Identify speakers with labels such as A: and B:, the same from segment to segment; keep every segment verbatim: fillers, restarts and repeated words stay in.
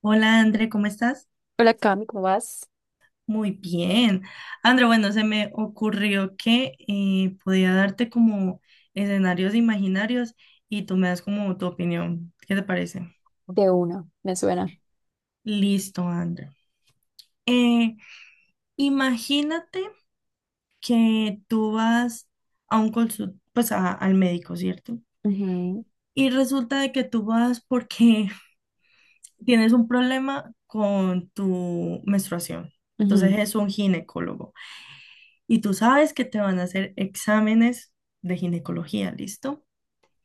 A: Hola, André, ¿cómo estás?
B: Hola, Cami, ¿cómo vas?
A: Muy bien. André, bueno, se me ocurrió que eh, podía darte como escenarios imaginarios y tú me das como tu opinión. ¿Qué te parece?
B: De una, me suena.
A: Listo, André. Eh, imagínate que tú vas a un consultorio, pues a- al médico, ¿cierto?
B: Ujú,
A: Y resulta de que tú vas porque tienes un problema con tu menstruación.
B: ujú.
A: Entonces es un ginecólogo. Y tú sabes que te van a hacer exámenes de ginecología, ¿listo?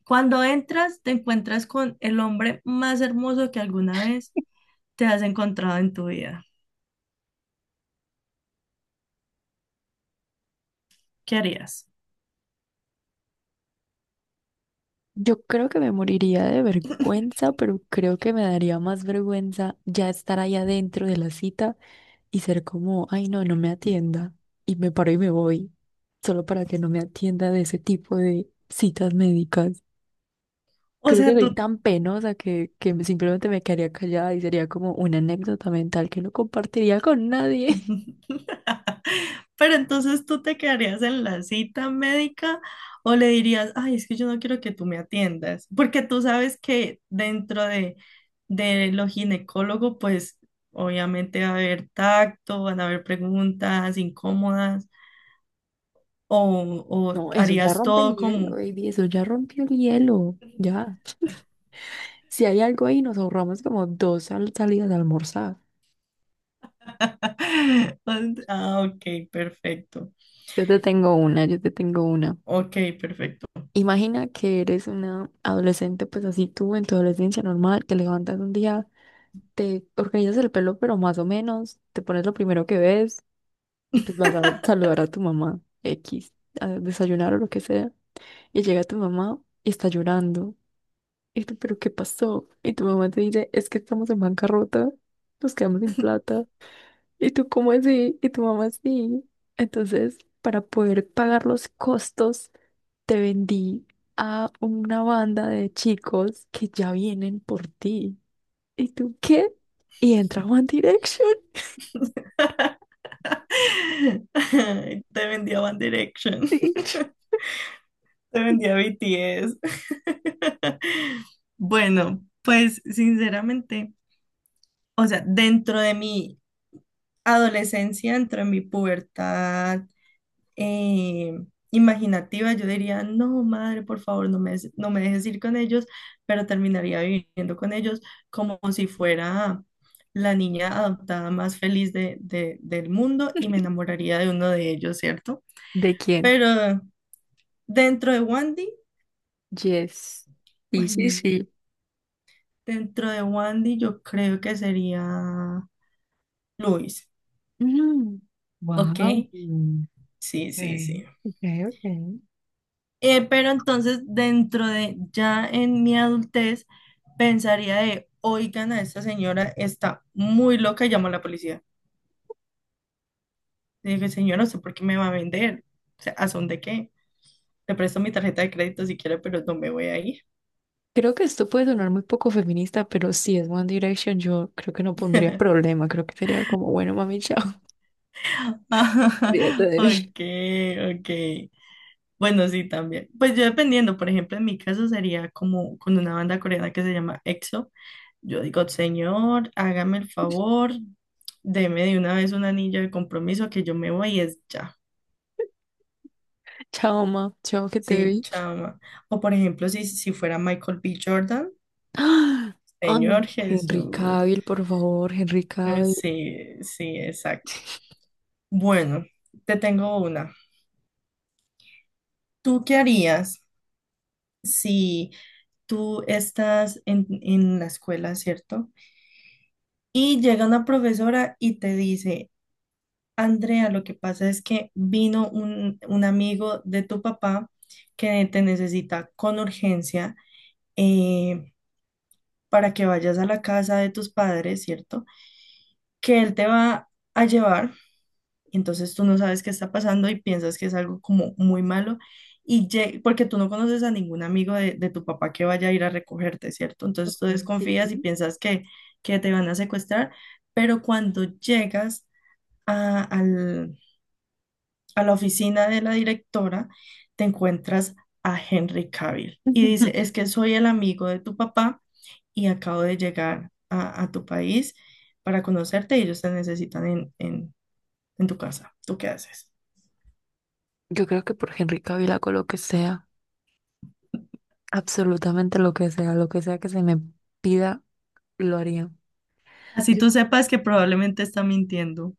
A: Cuando entras, te encuentras con el hombre más hermoso que alguna vez te has encontrado en tu vida. ¿Qué harías?
B: Yo creo que me moriría de vergüenza, pero creo que me daría más vergüenza ya estar ahí adentro de la cita y ser como, ay no, no me atienda. Y me paro y me voy, solo para que no me atienda de ese tipo de citas médicas.
A: O
B: Creo que
A: sea,
B: soy
A: tú,
B: tan penosa que, que me- simplemente me quedaría callada y sería como una anécdota mental que no compartiría con nadie.
A: pero entonces tú te quedarías en la cita médica o le dirías, ay, es que yo no quiero que tú me atiendas, porque tú sabes que dentro de, de lo ginecólogo, pues obviamente va a haber tacto, van a haber preguntas incómodas. ¿O, o
B: No, eso ya
A: harías
B: rompe el
A: todo
B: hielo,
A: como...
B: baby, eso ya rompió el hielo, ya. Si hay algo ahí, nos ahorramos como dos sal- salidas a almorzar.
A: Ah, ok, perfecto.
B: Yo te tengo una, yo te tengo una.
A: Ok, perfecto.
B: Imagina que eres una adolescente, pues así tú, en tu adolescencia normal, te levantas un día, te organizas el pelo, pero más o menos, te pones lo primero que ves y pues vas a saludar a tu mamá, X, a desayunar o lo que sea. Y llega tu mamá y está llorando. Y tú, ¿pero qué pasó? Y tu mamá te dice, es que estamos en bancarrota, nos quedamos sin plata. Y tú, ¿cómo así? Y tu mamá, sí. Entonces, para poder pagar los costos, te vendí a una banda de chicos que ya vienen por ti. ¿Y tú qué? Y entra One Direction.
A: Te vendía One Direction,
B: Sí.
A: te vendía B T S. Bueno, pues sinceramente, o sea, dentro de mi adolescencia, dentro de mi pubertad eh, imaginativa, yo diría, no, madre, por favor, no me, des- no me dejes ir con ellos, pero terminaría viviendo con ellos como si fuera la niña adoptada más feliz de, de- del mundo y me enamoraría de uno de ellos, ¿cierto?
B: ¿De quién?
A: Pero dentro de Wandy,
B: Yes. Sí, sí,
A: ay,
B: sí.
A: dentro de Wandy yo creo que sería Luis, ¿ok?
B: Wow.
A: Sí, sí,
B: Okay,
A: sí.
B: okay, okay.
A: Eh, pero entonces, dentro de ya en mi adultez, pensaría de, oigan, a esta señora está muy loca y llamo a la policía. Le dije, señora, ¿usted por qué me va a vender? O sea, ¿a son de qué? Te presto mi tarjeta de crédito si quiere, pero no me voy a ir.
B: Creo que esto puede sonar muy poco feminista, pero si es One Direction, yo creo que no pondría problema. Creo que sería como, bueno, mami, chao, olvídate de mí.
A: Ok, ok. Bueno, sí, también. Pues yo dependiendo, por ejemplo, en mi caso sería como con una banda coreana que se llama EXO. Yo digo, señor, hágame el favor, deme de una vez un anillo de compromiso que yo me voy y es ya.
B: Chao, ma, chao, que te
A: Sí,
B: vi.
A: chama. O por ejemplo, si, si fuera Michael B. Jordan,
B: ¡Ah!
A: señor
B: Ay, Henry
A: Jesús.
B: Cavill, por favor, Henry
A: Eh,
B: Cavill.
A: Sí, sí, exacto. Bueno, te tengo una. ¿Tú qué harías si tú estás en, en la escuela, ¿cierto? Y llega una profesora y te dice, Andrea, lo que pasa es que vino un, un amigo de tu papá que te necesita con urgencia eh, para que vayas a la casa de tus padres, ¿cierto? Que él te va a llevar, entonces tú no sabes qué está pasando y piensas que es algo como muy malo, y lle- porque tú no conoces a ningún amigo de, de tu papá que vaya a ir a recogerte, ¿cierto? Entonces tú
B: Okay.
A: desconfías y piensas que, que te van a secuestrar, pero cuando llegas a, al- a la oficina de la directora, te encuentras a Henry Cavill y dice, es que soy el amigo de tu papá y acabo de llegar a, a tu país para conocerte y ellos te necesitan en, en, en tu casa. ¿Tú qué haces?
B: Yo creo que por Henry Cavill hago lo que sea, absolutamente lo que sea, lo que sea que se me pida, lo haría.
A: Así tú sepas que probablemente está mintiendo.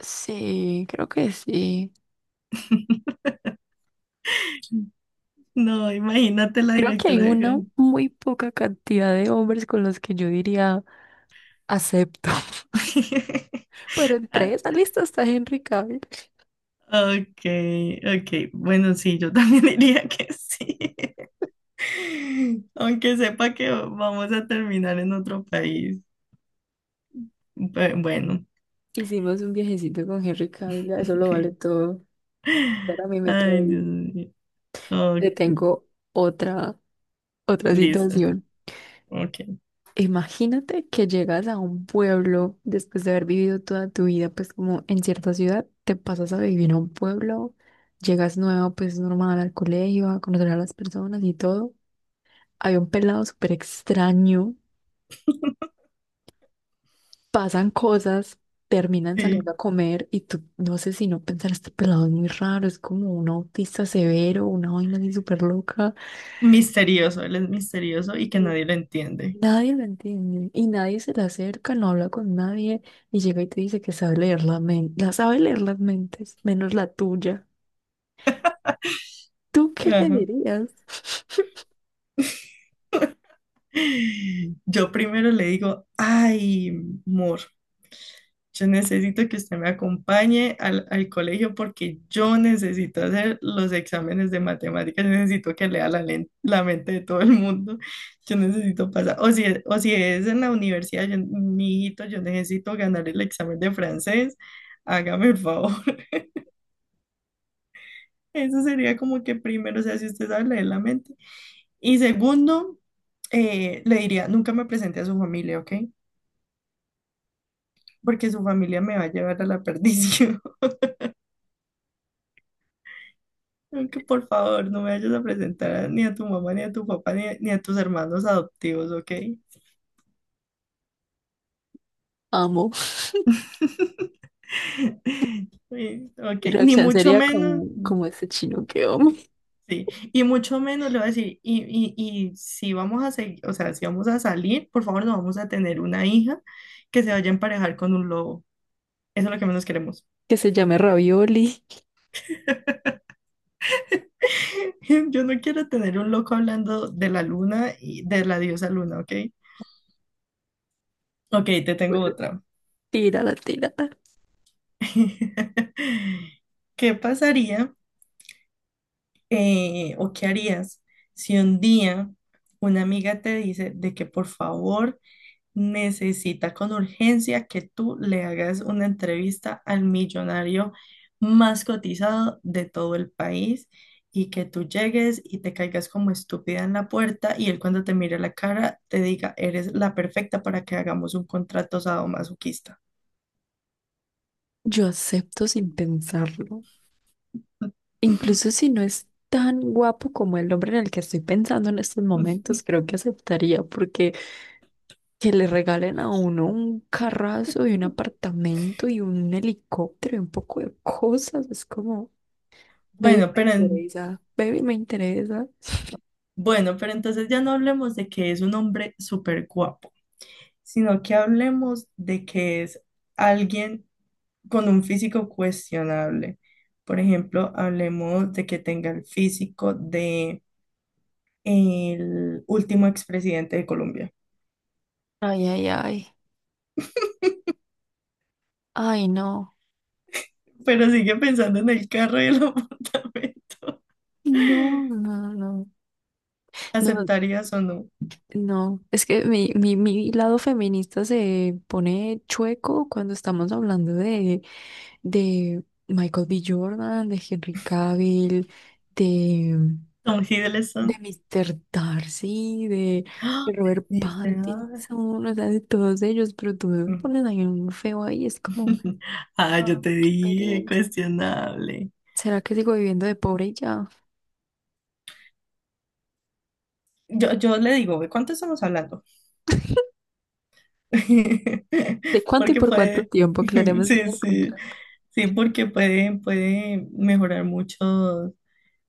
B: Sí, creo que sí.
A: No, imagínate la
B: Creo que hay
A: directora
B: una
A: de...
B: muy poca cantidad de hombres con los que yo diría acepto. Pero
A: Ah,
B: entre esa lista está Henry Cavill.
A: ok, ok. Bueno, sí, yo también diría que sí. Aunque sepa que vamos a terminar en otro país. Pe- Bueno.
B: Hicimos un viajecito con Henry Cavill, ya eso lo vale todo. Para mí me trae,
A: Ay, Dios mío. Oh,
B: te tengo otra, otra
A: listo.
B: situación.
A: Ok.
B: Imagínate que llegas a un pueblo después de haber vivido toda tu vida, pues como en cierta ciudad, te pasas a vivir a un pueblo, llegas nuevo, pues normal al colegio, a conocer a las personas y todo. Había un pelado súper extraño, pasan cosas, terminan saliendo
A: Sí.
B: a comer y tú no sé si no pensar, este pelado es muy raro, es como un autista severo, una vaina así súper loca.
A: Misterioso, él es misterioso y que
B: y
A: nadie lo entiende.
B: Nadie lo entiende y nadie se le acerca, no habla con nadie y llega y te dice que sabe leer la men- la sabe leer las mentes, menos la tuya. ¿Tú qué le
A: Ajá.
B: dirías?
A: Yo primero le digo, ay, amor. Yo necesito que usted me acompañe al, al colegio porque yo necesito hacer los exámenes de matemáticas, yo necesito que lea la, len- la mente de todo el mundo, yo necesito pasar, o si es, o si es en la universidad, yo, mi hijito, yo necesito ganar el examen de francés, hágame el favor. Eso sería como que primero, o sea, si usted sabe leer la mente. Y segundo, eh, le diría, nunca me presente a su familia, ¿ok? Porque su familia me va a llevar a la perdición. Creo que por favor no me vayas a presentar a- ni a tu mamá, ni a tu papá, ni a, ni a tus hermanos adoptivos, ¿ok?
B: Amo.
A: Sí, ok,
B: Mi
A: ni
B: reacción
A: mucho
B: sería
A: menos,
B: como, como ese chino que amo,
A: sí, y mucho menos le voy a decir, y, y, y si vamos a seguir, o sea, si vamos a salir, por favor no vamos a tener una hija que se vaya a emparejar con un lobo. Eso es lo que menos queremos.
B: que se llame Ravioli.
A: Yo no quiero tener un loco hablando de la luna y de la diosa luna, ¿ok? Ok, te tengo
B: Bueno,
A: otra.
B: tírala, tírala.
A: ¿Qué pasaría? eh, o qué harías si un día una amiga te dice de que por favor necesita con urgencia que tú le hagas una entrevista al millonario más cotizado de todo el país y que tú llegues y te caigas como estúpida en la puerta y él cuando te mire la cara te diga, ¿eres la perfecta para que hagamos un contrato sadomasoquista?
B: Yo acepto sin pensarlo. Incluso si no es tan guapo como el hombre en el que estoy pensando en estos momentos, creo que aceptaría porque que le regalen a uno un carrazo y un apartamento y un helicóptero y un poco de cosas. Es como, baby,
A: Bueno,
B: me
A: pero en-
B: interesa, baby, me interesa.
A: bueno, pero entonces ya no hablemos de que es un hombre súper guapo sino que hablemos de que es alguien con un físico cuestionable. Por ejemplo, hablemos de que tenga el físico de el último expresidente de Colombia,
B: Ay, ay, ay. Ay, no.
A: pero sigue pensando en el carro y el apartamento.
B: No, no, no. No,
A: ¿Aceptarías o no?
B: no, es que mi, mi, mi lado feminista se pone chueco cuando estamos hablando de, de Michael B. Jordan, de Henry Cavill, de,
A: Tom
B: de
A: Hiddleston.
B: mister Darcy, de,
A: ¡Ah!
B: de Robert
A: Dice, ah,
B: Pattinson, o sea, de todos ellos, pero tú me pones ahí un feo ahí, es como,
A: ah, yo
B: ah,
A: te
B: qué
A: dije,
B: pereza.
A: cuestionable.
B: ¿Será que sigo viviendo de pobre y ya?
A: Yo, yo le digo, ¿de cuánto estamos hablando?
B: ¿De cuánto y
A: Porque
B: por cuánto
A: puede,
B: tiempo? Aclaremos bien
A: sí,
B: el
A: sí,
B: contrato.
A: sí, porque puede, puede mejorar muchos,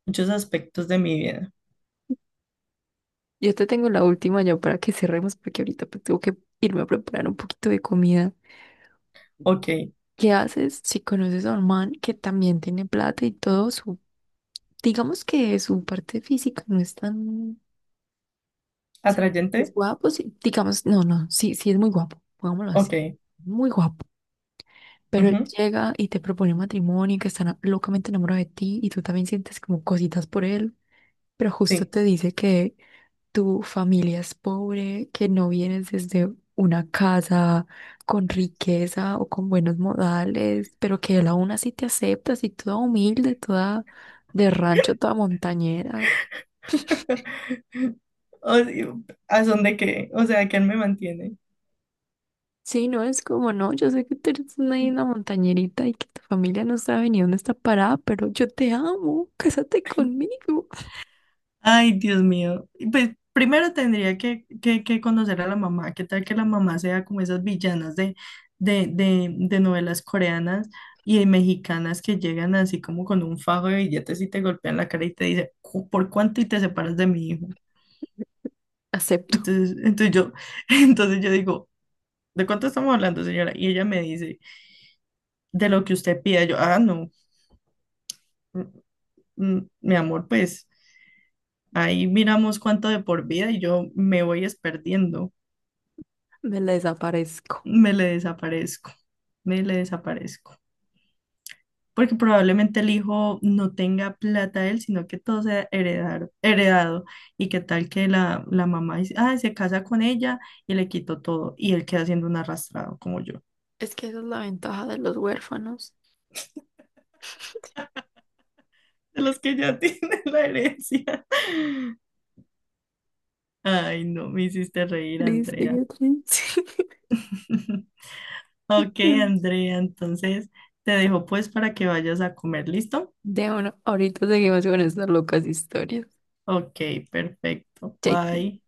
A: muchos aspectos de mi vida.
B: Yo te tengo la última ya para que cerremos, porque ahorita pues, tengo que irme a preparar un poquito de comida.
A: Ok,
B: ¿Qué haces si conoces a un man que también tiene plata y todo su, digamos que su parte física no es tan, o sea, es
A: atrayente,
B: guapo, sí, digamos, no, no, sí, sí es muy guapo, pongámoslo así,
A: ok,
B: muy guapo. Pero él
A: ujú,
B: llega y te propone matrimonio y que está na- locamente enamorado de ti y tú también sientes como cositas por él, pero justo
A: sí.
B: te dice que tu familia es pobre, que no vienes desde una casa con riqueza o con buenos modales, pero que él aún así te aceptas y toda humilde, toda de rancho, toda montañera.
A: O- ¿A son de qué? O sea, ¿quién me mantiene?
B: Sí, no es como, no, yo sé que tú eres una, ahí una montañerita y que tu familia no sabe ni dónde está parada, pero yo te amo, cásate conmigo.
A: Ay, Dios mío. Y pues primero tendría que, que- que conocer a la mamá. ¿Qué tal que la mamá sea como esas villanas de, de, de, de novelas coreanas y mexicanas que llegan así como con un fajo de billetes y te golpean la cara y te dice, "Cu- ¿por cuánto y te separas de mi hijo?"
B: Acepto,
A: Entonces, entonces yo, entonces yo digo, ¿de cuánto estamos hablando, señora? Y ella me dice, de lo que usted pida. Yo, ah, no, mm, mm, mi amor, pues ahí miramos cuánto de por vida y yo me voy es perdiendo.
B: me la desaparezco.
A: Me le desaparezco, me le desaparezco. Porque probablemente el hijo no tenga plata él, sino que todo sea heredar, heredado. Y qué tal que la, la mamá dice, ah, se casa con ella y le quito todo. Y él queda siendo un arrastrado como yo,
B: Es que esa es la ventaja de los huérfanos.
A: de los que ya tienen la herencia. Ay, no, me hiciste reír,
B: Triste,
A: Andrea.
B: qué triste.
A: Ok, Andrea, entonces te dejo pues para que vayas a comer, ¿listo?
B: De uno, ahorita seguimos con estas locas historias.
A: Ok, perfecto.
B: Chaito.
A: Bye.